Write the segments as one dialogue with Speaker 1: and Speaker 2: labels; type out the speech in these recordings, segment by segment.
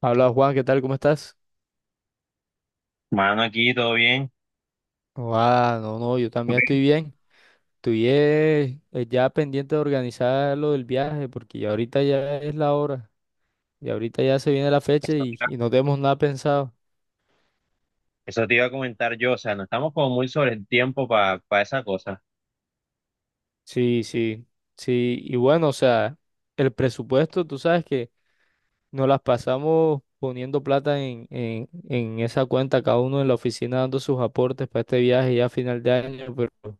Speaker 1: Habla Juan, ¿qué tal? ¿Cómo estás?
Speaker 2: Mano, aquí todo bien.
Speaker 1: Ah, no, no, yo
Speaker 2: Ok.
Speaker 1: también estoy bien. Estoy ya pendiente de organizar lo del viaje porque ya ahorita ya es la hora y ahorita ya se viene la fecha
Speaker 2: Eso te
Speaker 1: y,
Speaker 2: iba,
Speaker 1: y no tenemos nada pensado.
Speaker 2: eso te iba a comentar yo, o sea, no estamos como muy sobre el tiempo para esa cosa.
Speaker 1: Sí, sí, sí. Y bueno, o sea, el presupuesto, tú sabes que nos las pasamos poniendo plata en esa cuenta, cada uno en la oficina dando sus aportes para este viaje ya a final de año, pero,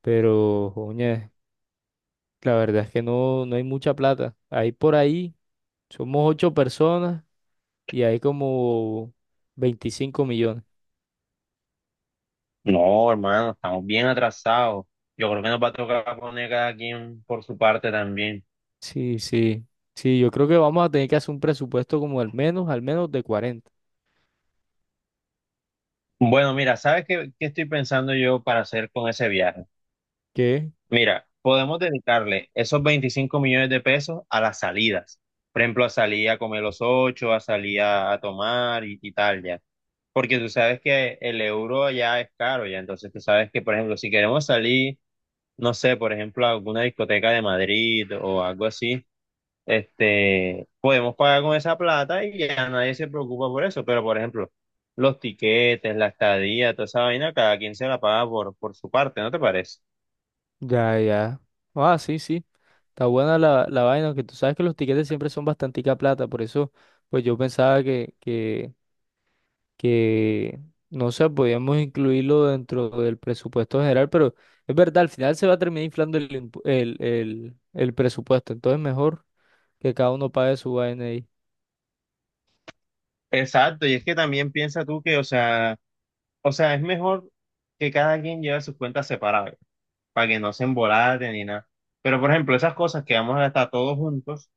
Speaker 1: pero, oye, la verdad es que no, no hay mucha plata. Hay por ahí. Somos ocho personas y hay como 25 millones.
Speaker 2: No, hermano, estamos bien atrasados. Yo creo que nos va a tocar poner cada quien por su parte también.
Speaker 1: Sí, sí. Sí, yo creo que vamos a tener que hacer un presupuesto como al menos de 40.
Speaker 2: Bueno, mira, ¿sabes qué estoy pensando yo para hacer con ese viaje?
Speaker 1: ¿Qué?
Speaker 2: Mira, podemos dedicarle esos 25 millones de pesos a las salidas. Por ejemplo, a salir a comer los ocho, a salir a tomar y tal, ya. Porque tú sabes que el euro ya es caro, ya. Entonces tú sabes que, por ejemplo, si queremos salir, no sé, por ejemplo, a alguna discoteca de Madrid o algo así, este, podemos pagar con esa plata y ya nadie se preocupa por eso. Pero, por ejemplo, los tiquetes, la estadía, toda esa vaina, cada quien se la paga por su parte, ¿no te parece?
Speaker 1: Ya, ya. Ah, sí, sí. Está buena la vaina, que tú sabes que los tiquetes siempre son bastantica plata, por eso, pues yo pensaba que, no sé, podíamos incluirlo dentro del presupuesto general, pero es verdad, al final se va a terminar inflando el, impu- el presupuesto, entonces mejor que cada uno pague su vaina ahí.
Speaker 2: Exacto, y es que también piensa tú que, o sea, es mejor que cada quien lleve sus cuentas separadas, para que no se embolaten ni nada. Pero, por ejemplo, esas cosas que vamos a gastar todos juntos,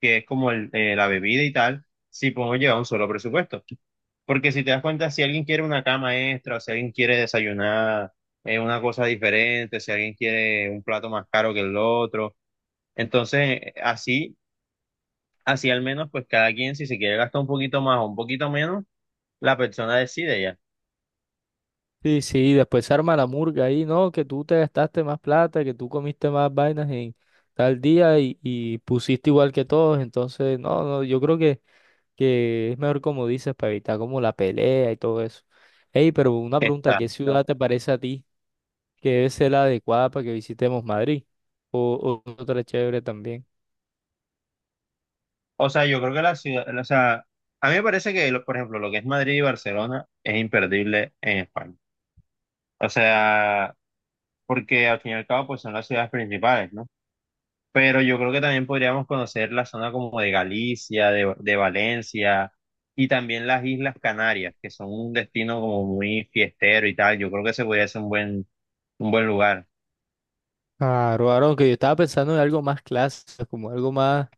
Speaker 2: que es como el, la bebida y tal, sí podemos llevar un solo presupuesto. Porque si te das cuenta, si alguien quiere una cama extra, o si alguien quiere desayunar una cosa diferente, si alguien quiere un plato más caro que el otro, entonces, así, así al menos, pues cada quien, si se quiere gastar un poquito más o un poquito menos, la persona decide ya.
Speaker 1: Sí, sí, después arma la murga ahí, ¿no? Que tú te gastaste más plata, que tú comiste más vainas en tal día y pusiste igual que todos, entonces, no, no, yo creo que es mejor como dices, para evitar como la pelea y todo eso. Ey, pero una pregunta, ¿qué
Speaker 2: Exacto.
Speaker 1: ciudad te parece a ti que debe ser la adecuada para que visitemos Madrid? O otra chévere también.
Speaker 2: O sea, yo creo que la ciudad, o sea, a mí me parece que, por ejemplo, lo que es Madrid y Barcelona es imperdible en España. O sea, porque al fin y al cabo, pues son las ciudades principales, ¿no? Pero yo creo que también podríamos conocer la zona como de Galicia, de Valencia y también las Islas Canarias, que son un destino como muy fiestero y tal. Yo creo que ese podría ser un un buen lugar.
Speaker 1: Claro, Aaron, que yo estaba pensando en algo más clásico, como algo más,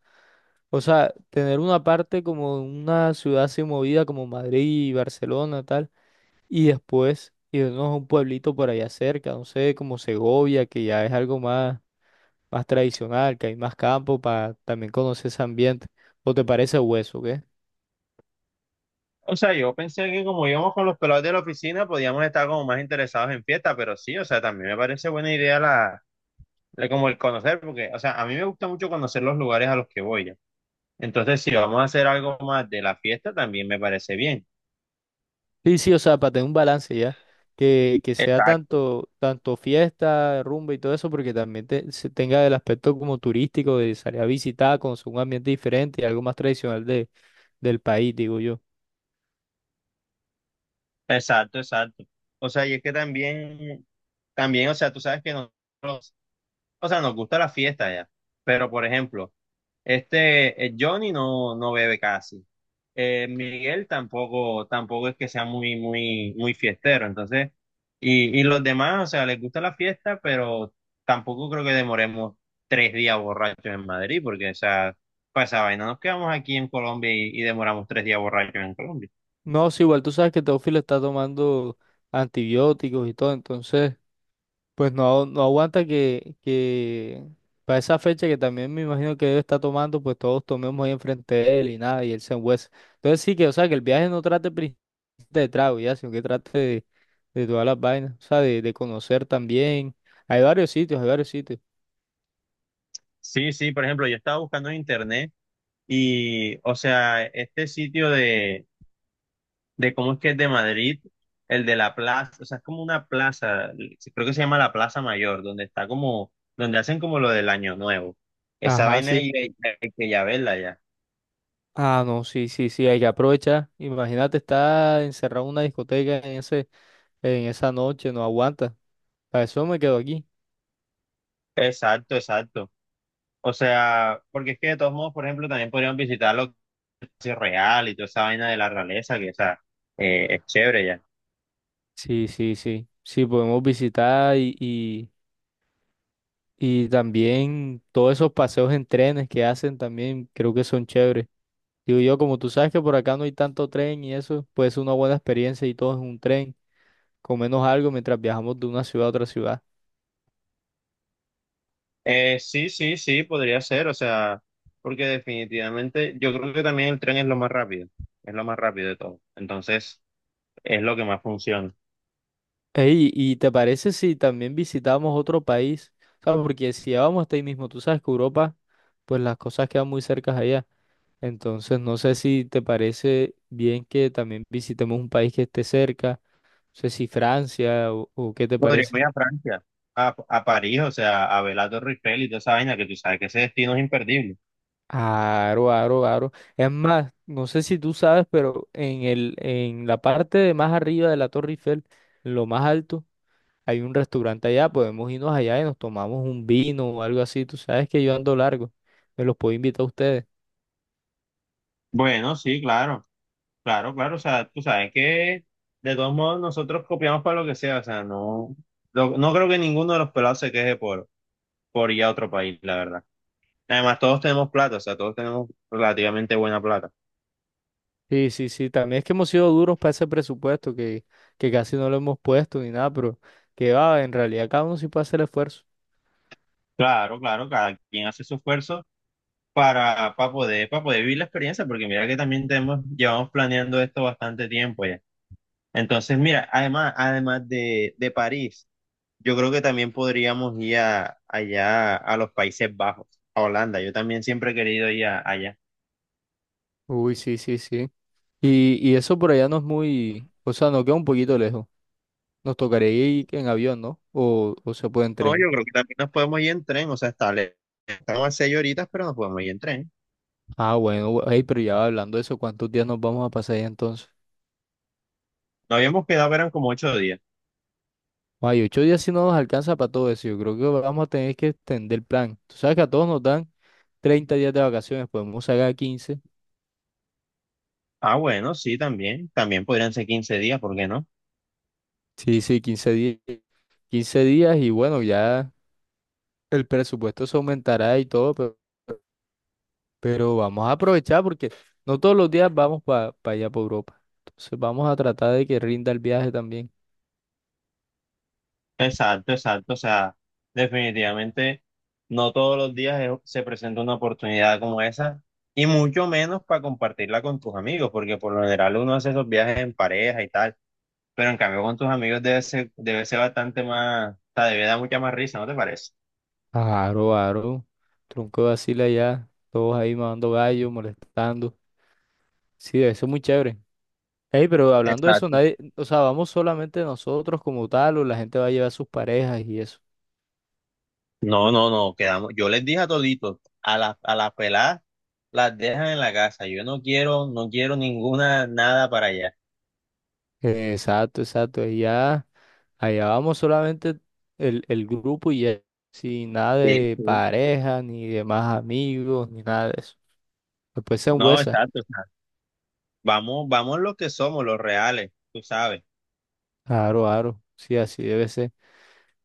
Speaker 1: o sea, tener una parte como una ciudad así movida como Madrid y Barcelona, tal y después irnos a un pueblito por allá cerca, no sé, como Segovia, que ya es algo más, más tradicional, que hay más campo para también conocer ese ambiente. ¿O te parece hueso, qué?
Speaker 2: O sea, yo pensé que como íbamos con los pelados de la oficina, podíamos estar como más interesados en fiesta, pero sí, o sea, también me parece buena idea como el conocer, porque, o sea, a mí me gusta mucho conocer los lugares a los que voy ya. Entonces, si vamos a hacer algo más de la fiesta, también me parece bien.
Speaker 1: Sí, sí, o sea, para tener un balance ya, que sea
Speaker 2: Exacto.
Speaker 1: tanto, tanto fiesta, rumba y todo eso, porque también se tenga el aspecto como turístico de salir a visitar, conocer un ambiente diferente y algo más tradicional del país, digo yo.
Speaker 2: Exacto. O sea, y es que también, o sea, tú sabes que nos, o sea, nos gusta la fiesta ya, pero por ejemplo, este, Johnny no bebe casi. Miguel tampoco es que sea muy, muy, muy fiestero. Entonces, y los demás, o sea, les gusta la fiesta, pero tampoco creo que demoremos 3 días borrachos en Madrid, porque, o sea, para esa vaina, nos quedamos aquí en Colombia y demoramos 3 días borrachos en Colombia.
Speaker 1: No, sí, igual tú sabes que Teófilo está tomando antibióticos y todo, entonces... Pues no, no aguanta que para esa fecha que también me imagino que él está tomando, pues todos tomemos ahí enfrente de él y nada, y él se enhuesa. Entonces sí que, o sea, que el viaje no trate de trago, ya, sino que trate de todas las vainas, o sea, de conocer también. Hay varios sitios, hay varios sitios.
Speaker 2: Sí, sí, por ejemplo, yo estaba buscando en internet y, o sea, este sitio de cómo es que es de Madrid, el de la plaza, o sea, es como una plaza, creo que se llama la Plaza Mayor, donde está como, donde hacen como lo del Año Nuevo. Esa
Speaker 1: Ajá,
Speaker 2: vaina
Speaker 1: sí.
Speaker 2: hay que ya verla ya.
Speaker 1: Ah, no, sí, sí, sí, hay que aprovechar. Imagínate estar encerrado en una discoteca en esa noche, no aguanta. Para eso me quedo aquí.
Speaker 2: Exacto. O sea, porque es que de todos modos, por ejemplo, también podríamos visitar lo que es real y toda esa vaina de la realeza, que o sea, es chévere ya.
Speaker 1: Sí, sí, sí. Sí, podemos visitar y también todos esos paseos en trenes que hacen también creo que son chéveres. Digo yo, como tú sabes que por acá no hay tanto tren y eso, puede ser una buena experiencia y todo es un tren, menos algo mientras viajamos de una ciudad a otra ciudad.
Speaker 2: Sí, sí, sí, podría ser, o sea, porque definitivamente yo creo que también el tren es lo más rápido, es lo más rápido de todo. Entonces, es lo que más funciona.
Speaker 1: Ey, ¿y te parece si también visitamos otro país? O sea, porque si ya vamos hasta ahí mismo, tú sabes que Europa, pues las cosas quedan muy cercas allá. Entonces, no sé si te parece bien que también visitemos un país que esté cerca, no sé si Francia o qué te
Speaker 2: Podríamos
Speaker 1: parece.
Speaker 2: ir a Francia, a París, o sea, a ver la Torre Eiffel y toda esa vaina, que tú sabes que ese destino es imperdible.
Speaker 1: Aro, aro, aro. Es más, no sé si tú sabes, pero en la parte de más arriba de la Torre Eiffel, en lo más alto, hay un restaurante allá. Podemos irnos allá y nos tomamos un vino o algo así. Tú sabes que yo ando largo. Me los puedo invitar a ustedes.
Speaker 2: Bueno, sí, claro, o sea, tú sabes que de todos modos nosotros copiamos para lo que sea, o sea, no, no creo que ninguno de los pelados se queje por ir a otro país, la verdad. Además, todos tenemos plata, o sea, todos tenemos relativamente buena plata.
Speaker 1: Sí, sí, sí. También es que hemos sido duros para ese presupuesto que casi no lo hemos puesto ni nada, pero que va, en realidad cada uno sí puede hacer el esfuerzo.
Speaker 2: Claro, cada quien hace su esfuerzo para poder vivir la experiencia, porque mira que también tenemos, llevamos planeando esto bastante tiempo ya. Entonces, mira, además, además de París, yo creo que también podríamos ir allá a los Países Bajos, a Holanda. Yo también siempre he querido ir allá.
Speaker 1: Uy, sí, sí, sí. Y eso por allá no es muy, o sea, nos queda un poquito lejos. Nos tocaría ir en avión, ¿no? O se puede en
Speaker 2: No,
Speaker 1: tren.
Speaker 2: yo creo que también nos podemos ir en tren, o sea, estamos a 6 horitas, pero nos podemos ir en tren.
Speaker 1: Ah, bueno, ey, pero ya hablando de eso, ¿cuántos días nos vamos a pasar allá entonces?
Speaker 2: No habíamos quedado, que eran como 8 días.
Speaker 1: Ay, 8 días si no nos alcanza para todo eso. Yo creo que vamos a tener que extender el plan. Tú sabes que a todos nos dan 30 días de vacaciones, podemos sacar 15.
Speaker 2: Ah, bueno, sí, también. También podrían ser 15 días, ¿por qué no?
Speaker 1: Sí, sí, 15 días. 15 días y bueno, ya el presupuesto se aumentará y todo, pero, vamos a aprovechar porque no todos los días vamos para allá, para Europa. Entonces vamos a tratar de que rinda el viaje también.
Speaker 2: Exacto. O sea, definitivamente no todos los días se presenta una oportunidad como esa y mucho menos para compartirla con tus amigos, porque por lo general uno hace esos viajes en pareja y tal, pero en cambio con tus amigos debe ser bastante más, o sea, debe dar mucha más risa, ¿no te parece?
Speaker 1: Aro, aro. Tronco de asila ya. Todos ahí mandando gallo, molestando. Sí, eso es muy chévere. Ey, pero hablando de eso,
Speaker 2: Exacto.
Speaker 1: nadie, o sea, vamos solamente nosotros como tal, o la gente va a llevar sus parejas y eso.
Speaker 2: No, quedamos. Yo les dije a toditos, a las peladas las dejan en la casa. Yo no quiero, no quiero ninguna nada para allá.
Speaker 1: Exacto, exacto. Y ya, allá vamos solamente el grupo y ya. Sin nada
Speaker 2: Sí,
Speaker 1: de
Speaker 2: sí.
Speaker 1: pareja, ni de más amigos, ni nada de eso. Después se
Speaker 2: No,
Speaker 1: huesa.
Speaker 2: exacto. Vamos, vamos los que somos, los reales, tú sabes.
Speaker 1: Aro, aro. Sí, así debe ser.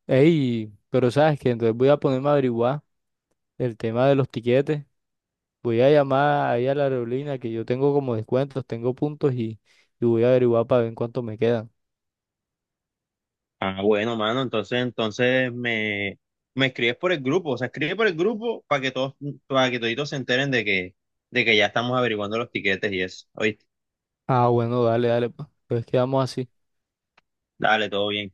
Speaker 1: Ey, pero sabes que entonces voy a ponerme a averiguar el tema de los tiquetes. Voy a llamar ahí a la aerolínea que yo tengo como descuentos, tengo puntos y voy a averiguar para ver en cuánto me quedan.
Speaker 2: Ah, bueno, mano, entonces, entonces me escribes por el grupo, o sea, escribe por el grupo para que todos, para que toditos se enteren de que ya estamos averiguando los tiquetes y eso. Oíste,
Speaker 1: Ah, bueno, dale, dale, pues. Entonces quedamos así.
Speaker 2: dale, todo bien.